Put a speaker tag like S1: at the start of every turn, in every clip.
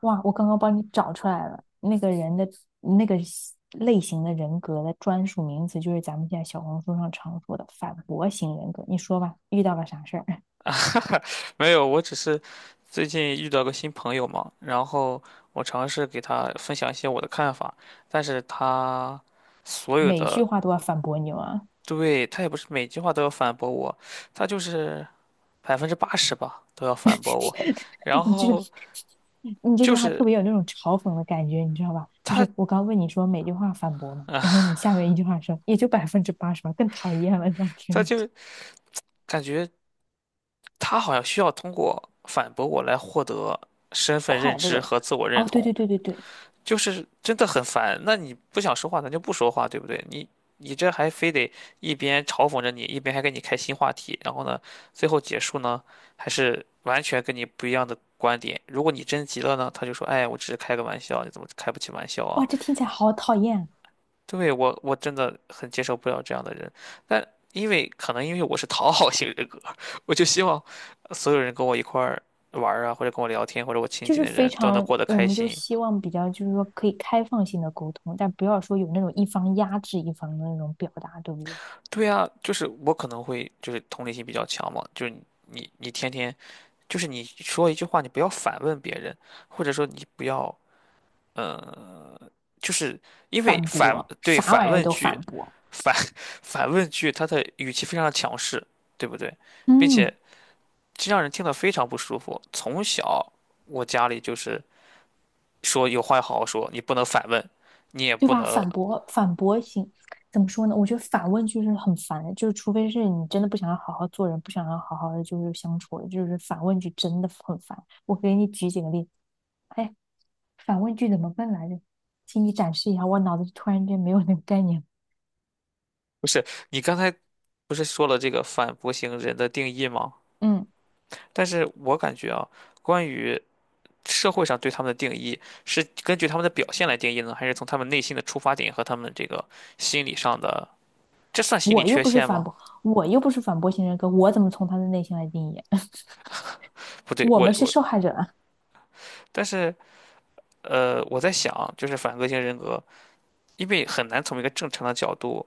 S1: 哇，我刚刚帮你找出来了，那个人的那个西类型的人格的专属名词，就是咱们现在小红书上常说的反驳型人格。你说吧，遇到了啥事儿，
S2: 啊，没有，我只是最近遇到个新朋友嘛，然后我尝试给他分享一些我的看法，但是他 所有
S1: 每句
S2: 的，
S1: 话都要反驳你吗？
S2: 对，他也不是每句话都要反驳我，他就是百分之八十吧都要反驳我，然
S1: 你这
S2: 后
S1: 你这
S2: 就
S1: 句话特
S2: 是
S1: 别有那种嘲讽的感觉，你知道吧？就
S2: 他
S1: 是我刚问你说每句话反驳嘛，然后你下面一句话说也就80%吧，更讨厌了，这样听
S2: 他
S1: 上去。
S2: 就感觉他好像需要通过反驳我来获得身份认
S1: 快
S2: 知
S1: 乐，
S2: 和自我认
S1: 哦，对
S2: 同，
S1: 对对对对，
S2: 就是真的很烦。那你不想说话，咱就不说话，对不对？你这还非得一边嘲讽着你，一边还给你开新话题，然后呢，最后结束呢，还是完全跟你不一样的观点。如果你真急了呢，他就说："哎，我只是开个玩笑，你怎么开不起玩笑啊？"
S1: 哇，这听起来好讨厌。
S2: 对，我真的很接受不了这样的人，但可能因为我是讨好型人格，我就希望所有人跟我一块儿玩儿啊，或者跟我聊天，或者我亲
S1: 就
S2: 近
S1: 是
S2: 的
S1: 非
S2: 人都能
S1: 常，
S2: 过得
S1: 我
S2: 开
S1: 们就
S2: 心。
S1: 希望比较，就是说可以开放性的沟通，但不要说有那种一方压制一方的那种表达，对不对？
S2: 对呀，就是我可能会就是同理心比较强嘛，就是你天天就是你说一句话，你不要反问别人，或者说你不要嗯，就是因为
S1: 反
S2: 反
S1: 驳，
S2: 对
S1: 啥
S2: 反
S1: 玩意儿
S2: 问
S1: 都
S2: 句，
S1: 反驳，
S2: 反 反问句，它的语气非常的强势，对不对？并且
S1: 嗯，
S2: 这让人听得非常不舒服。从小我家里就是说有话要好好说，你不能反问，你也
S1: 对
S2: 不
S1: 吧？
S2: 能
S1: 反驳，反驳型，怎么说呢？我觉得反问句是很烦的，就是除非是你真的不想要好好做人，不想要好好的就是相处，就是反问句真的很烦。我给你举几个例子，哎，反问句怎么问来着？请你展示一下，我脑子突然间没有那个概念。
S2: 不是你刚才不是说了这个反驳型人的定义吗？
S1: 嗯。
S2: 但是我感觉啊，关于社会上对他们的定义，是根据他们的表现来定义呢，还是从他们内心的出发点和他们这个心理上的，这算心理
S1: 我又
S2: 缺
S1: 不是
S2: 陷
S1: 反
S2: 吗？
S1: 驳，我又不是反驳型人格，我怎么从他的内心来定义？
S2: 不对，
S1: 我
S2: 我
S1: 们是
S2: 我，
S1: 受害者。啊。
S2: 但是我在想，就是反个性人格，因为很难从一个正常的角度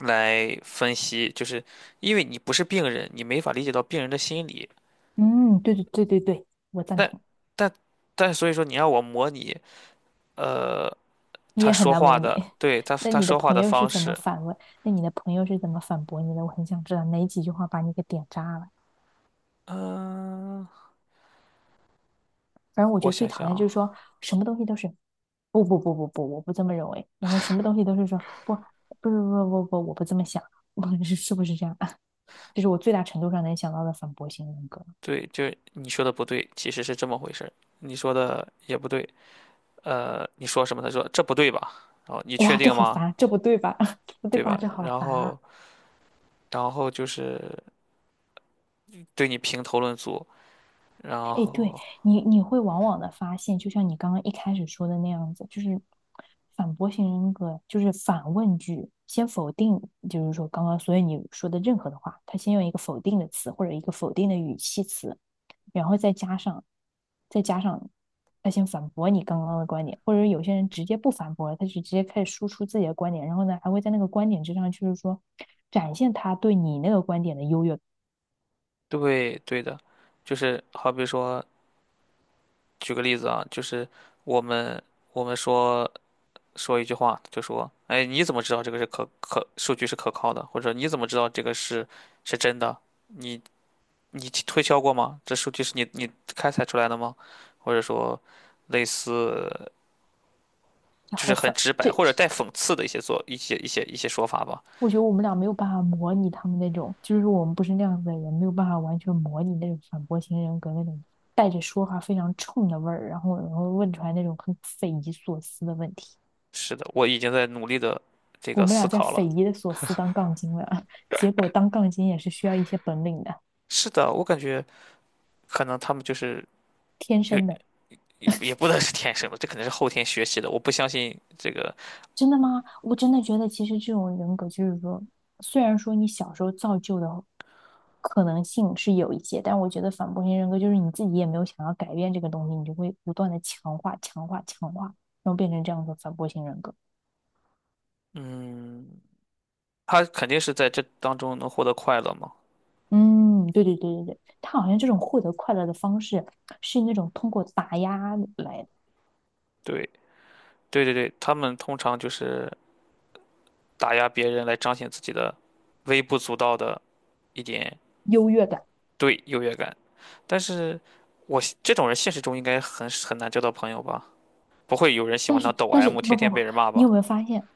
S2: 来分析，就是因为你不是病人，你没法理解到病人的心理。
S1: 嗯，对对对对对，我赞
S2: 但
S1: 同。
S2: 但但所以说，你让我模拟，呃，
S1: 你
S2: 他
S1: 也很
S2: 说
S1: 难模
S2: 话
S1: 拟。
S2: 的，对，他
S1: 那
S2: 他
S1: 你的
S2: 说话
S1: 朋
S2: 的
S1: 友是
S2: 方
S1: 怎么
S2: 式，
S1: 反问？那你的朋友是怎么反驳你的？我很想知道哪几句话把你给点炸了。
S2: 嗯、
S1: 反正我觉
S2: 我
S1: 得最
S2: 想想
S1: 讨厌就是
S2: 啊，
S1: 说什么东西都是不不不不不，我不这么认为。然后什么东西都是说不不不不不不，我不这么想。是是不是这样啊？这是我最大程度上能想到的反驳型人格。
S2: 对，就是你说的不对，其实是这么回事儿。你说的也不对，你说什么？他说这不对吧？然后你确
S1: 哇，这
S2: 定
S1: 好
S2: 吗？
S1: 烦，这不对吧？这不对
S2: 对
S1: 吧？
S2: 吧？
S1: 这好
S2: 然
S1: 烦
S2: 后，
S1: 啊！
S2: 然后就是对你评头论足，然
S1: 哎，对
S2: 后
S1: 你，你会往往的发现，就像你刚刚一开始说的那样子，就是反驳型人格，就是反问句，先否定，就是说刚刚所有你说的任何的话，他先用一个否定的词或者一个否定的语气词，然后再加上，再加上他先反驳你刚刚的观点，或者有些人直接不反驳了，他就直接开始输出自己的观点，然后呢，还会在那个观点之上，就是说展现他对你那个观点的优越
S2: 对对的，就是好比说，举个例子啊，就是我们我们说说一句话，就说，哎，你怎么知道这个是数据是可靠的？或者你怎么知道这个是真的？你你去推敲过吗？这数据是你开采出来的吗？或者说，类似就
S1: 好
S2: 是很
S1: 烦，
S2: 直白
S1: 这
S2: 或者带讽刺的一些做一些一些一些说法吧？
S1: 我觉得我们俩没有办法模拟他们那种，就是我们不是那样子的人，没有办法完全模拟那种反驳型人格那种带着说话非常冲的味儿，然后问出来那种很匪夷所思的问题。
S2: 是的，我已经在努力的这
S1: 我
S2: 个
S1: 们
S2: 思
S1: 俩在
S2: 考
S1: 匪
S2: 了。
S1: 夷的所思当杠精了，结果当杠精也是需要一些本领的，
S2: 是的，我感觉可能他们就是
S1: 天
S2: 也
S1: 生的。
S2: 也不能是天生的，这肯定是后天学习的。我不相信这个，
S1: 真的吗？我真的觉得，其实这种人格就是说，虽然说你小时候造就的可能性是有一些，但我觉得反驳型人格就是你自己也没有想要改变这个东西，你就会不断的强化、强化、强化，然后变成这样的反驳型人格。
S2: 嗯，他肯定是在这当中能获得快乐嘛？
S1: 嗯，对对对对对，他好像这种获得快乐的方式是那种通过打压来
S2: 对对对对，他们通常就是打压别人来彰显自己的微不足道的一点。
S1: 优越感。
S2: 对，优越感。但是我这种人现实中应该很难交到朋友吧？不会有人喜
S1: 但
S2: 欢当
S1: 是
S2: 抖
S1: 但是
S2: M,
S1: 不
S2: 天
S1: 不
S2: 天
S1: 不，
S2: 被人骂
S1: 你
S2: 吧？
S1: 有没有发现，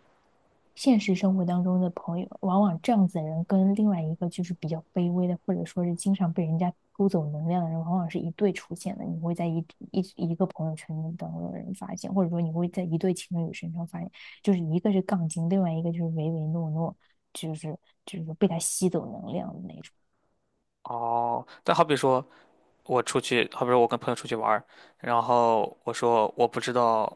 S1: 现实生活当中的朋友，往往这样子的人跟另外一个就是比较卑微的，或者说是经常被人家偷走能量的人，往往是一对出现的。你会在一一一个朋友圈当中的人发现，或者说你会在一对情侣身上发现，就是一个是杠精，另外一个就是唯唯诺诺，就是被他吸走能量的那种。
S2: 哦，但好比说我跟朋友出去玩儿，然后我说我不知道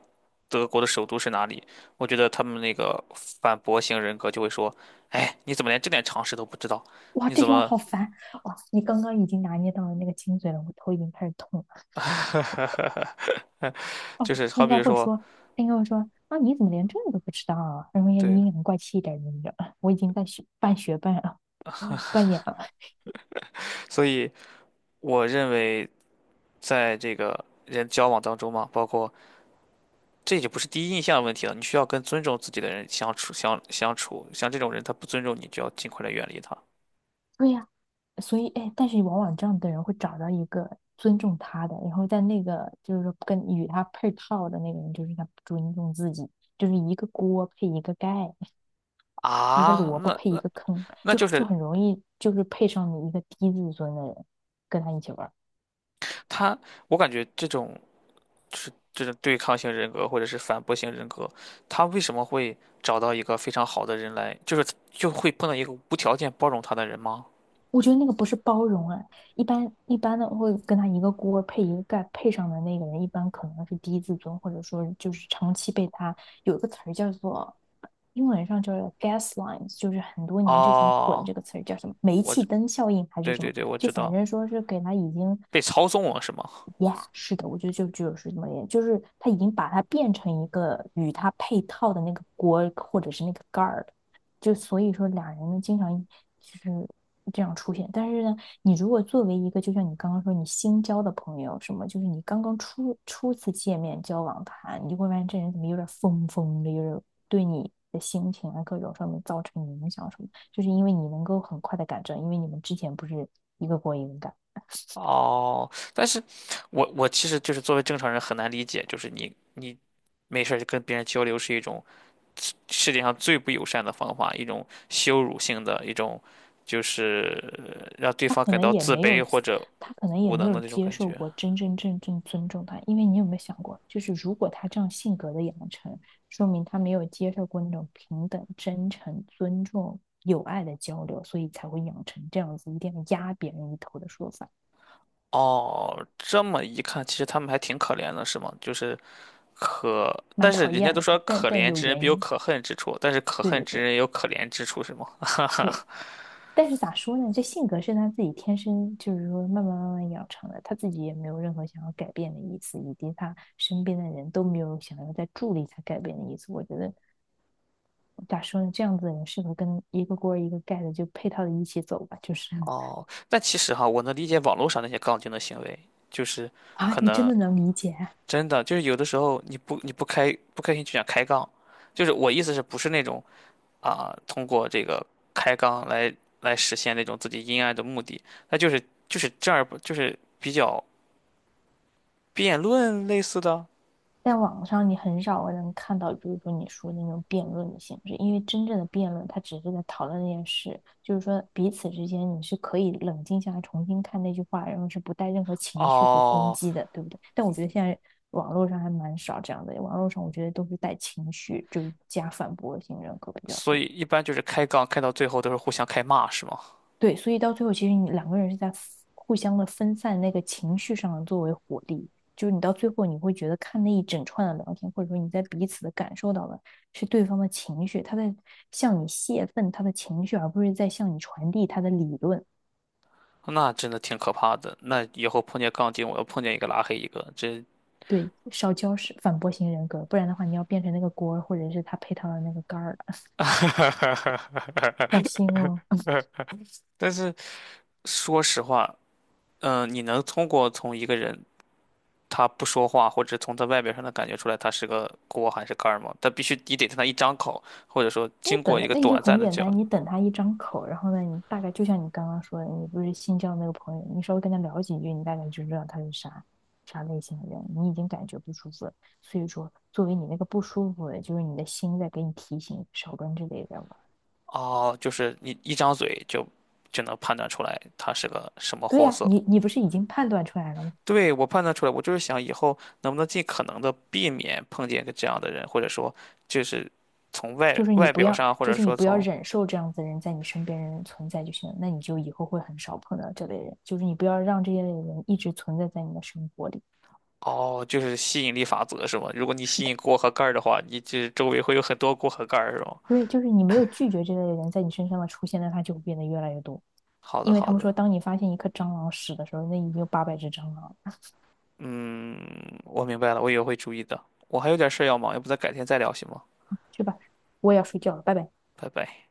S2: 德国的首都是哪里，我觉得他们那个反驳型人格就会说："哎，你怎么连这点常识都不知道？
S1: 哇，
S2: 你
S1: 这
S2: 怎
S1: 句话
S2: 么？"
S1: 好烦！哇，你刚刚已经拿捏到了那个精髓了，我头已经开始痛了。
S2: 就是
S1: 他
S2: 好
S1: 应该
S2: 比
S1: 会
S2: 说，
S1: 说，他应该会说啊，你怎么连这个都不知道啊？然后也
S2: 对，
S1: 阴阳怪气一点，你知道我已经在学半学半 啊扮演了。
S2: 所以我认为在这个人交往当中嘛，包括这就不是第一印象的问题了，你需要跟尊重自己的人相处，像这种人他不尊重你，就要尽快的远离他
S1: 对呀，所以，哎，但是往往这样的人会找到一个尊重他的，然后在那个就是说跟与他配套的那个人，就是他不尊重自己，就是一个锅配一个盖，一个
S2: 啊。
S1: 萝卜
S2: 那
S1: 配一
S2: 那
S1: 个坑，
S2: 那
S1: 就
S2: 就
S1: 就
S2: 是
S1: 很容易就是配上你一个低自尊的人跟他一起玩
S2: 他，我感觉这种对抗性人格或者是反驳性人格，他为什么会找到一个非常好的人来，就是就会碰到一个无条件包容他的人吗？
S1: 我觉得那个不是包容啊，一般一般的会跟他一个锅配一个盖，配上的那个人一般可能是低自尊，或者说就是长期被他有一个词儿叫做英文上叫做 gaslight,就是很多年之前火的
S2: 哦，
S1: 这个词儿叫什么煤
S2: 我
S1: 气
S2: 知，
S1: 灯效应还是
S2: 对
S1: 什么，
S2: 对对，我
S1: 就
S2: 知
S1: 反
S2: 道，
S1: 正说是给他已经
S2: 被操纵了是吗？
S1: y e a 是的，我觉得就是这么点，就是他已经把它变成一个与它配套的那个锅或者是那个盖儿了，就所以说俩人呢经常就是这样出现。但是呢，你如果作为一个就像你刚刚说你新交的朋友什么，就是你刚刚初次见面交往他，你就会发现这人怎么有点疯疯的，就是对你。的心情啊，各种上面造成影响什么，就是因为你能够很快的改正，因为你们之前不是一个锅一个盖。
S2: 哦，但是我其实就是作为正常人很难理解，就是你没事儿就跟别人交流是一种世界上最不友善的方法，一种羞辱性的，一种就是让对方
S1: 可
S2: 感
S1: 能
S2: 到
S1: 也
S2: 自
S1: 没
S2: 卑
S1: 有，
S2: 或者
S1: 他可能也
S2: 无
S1: 没
S2: 能的
S1: 有
S2: 那种
S1: 接
S2: 感
S1: 受
S2: 觉。
S1: 过真真正正尊重他，因为你有没有想过，就是如果他这样性格的养成，说明他没有接受过那种平等、真诚、尊重、友爱的交流，所以才会养成这样子一定要压别人一头的说法，
S2: 哦，这么一看，其实他们还挺可怜的，是吗？就是可，
S1: 蛮
S2: 但是
S1: 讨
S2: 人家
S1: 厌
S2: 都
S1: 的，
S2: 说
S1: 但
S2: 可
S1: 但
S2: 怜
S1: 有
S2: 之人
S1: 原
S2: 必有
S1: 因。
S2: 可恨之处，但是可
S1: 对
S2: 恨
S1: 对
S2: 之
S1: 对
S2: 人也有可怜之处，是吗？哈
S1: 对。
S2: 哈。
S1: 但是咋说呢？这性格是他自己天生，就是说慢慢慢慢养成的，他自己也没有任何想要改变的意思，以及他身边的人都没有想要再助力他改变的意思。我觉得咋说呢？这样子的人适合跟一个锅一个盖的就配套的一起走吧。就是
S2: 哦，但其实哈，我能理解网络上那些杠精的行为，就是
S1: 啊，
S2: 可
S1: 你真
S2: 能
S1: 的能理解啊
S2: 真的就是有的时候你不开心就想开杠，就是我意思是不是那种通过这个开杠来实现那种自己阴暗的目的，那就是正儿不就是比较辩论类似的
S1: 在网上你很少能看到，比如说你说的那种辩论的形式，因为真正的辩论，它只是在讨论那件事，就是说彼此之间你是可以冷静下来重新看那句话，然后是不带任何情绪和攻
S2: 哦，
S1: 击的，对不对？但我觉得现在网络上还蛮少这样的，网络上我觉得都是带情绪，就是加反驳性人格比较
S2: 所
S1: 多。
S2: 以一般就是开杠开到最后都是互相开骂是吗？
S1: 对，所以到最后，其实你两个人是在互相的分散那个情绪上作为火力，就是你到最后你会觉得看那一整串的聊天，或者说你在彼此的感受到的是对方的情绪，他在向你泄愤他的情绪，而不是在向你传递他的理论。
S2: 那真的挺可怕的，那以后碰见杠精我要碰见一个拉黑一个，
S1: 对，少交是反驳型人格，不然的话你要变成那个锅儿或者是他配套的那个杆儿了，小心哦。
S2: 但是说实话。你能通过从一个人他不说话，或者从他外表上能感觉出来他是个锅还是盖儿吗？但必须你得跟他一张口，或者说
S1: 你
S2: 经
S1: 等
S2: 过一
S1: 来，
S2: 个
S1: 那你就
S2: 短暂
S1: 很
S2: 的
S1: 简
S2: 交流，
S1: 单，你等他一张口，然后呢，你大概就像你刚刚说的，你不是新交那个朋友，你稍微跟他聊几句，你大概就知道他是啥类型的人，你已经感觉不舒服了。所以说，作为你那个不舒服的，就是你的心在给你提醒，少跟这类人玩。
S2: 哦，就是你一张嘴就能判断出来他是个什么
S1: 对
S2: 货
S1: 呀，
S2: 色。
S1: 你你不是已经判断出来了吗？
S2: 对，我判断出来，我就是想以后能不能尽可能的避免碰见一个这样的人，或者说就是从外
S1: 就是你
S2: 外
S1: 不
S2: 表
S1: 要，
S2: 上，或
S1: 就
S2: 者
S1: 是你
S2: 说
S1: 不要忍受这样子的人在你身边人存在就行了，那你就以后会很少碰到这类人，就是你不要让这些类人一直存在在你的生活里。
S2: 哦，就是吸引力法则是吗？如果你
S1: 是
S2: 吸
S1: 的。
S2: 引锅和盖儿的话，你这周围会有很多锅和盖儿是吗？
S1: 对，就是你没有拒绝这类人在你身上的出现，那他就会变得越来越多。
S2: 好的，
S1: 因为他
S2: 好
S1: 们
S2: 的，
S1: 说，当你发现一颗蟑螂屎的时候，那已经有800只蟑螂了。
S2: 嗯，我明白了，我以后会注意的。我还有点事要忙，要不咱改天再聊行吗？
S1: 去吧，我也要睡觉了，拜拜。
S2: 拜拜。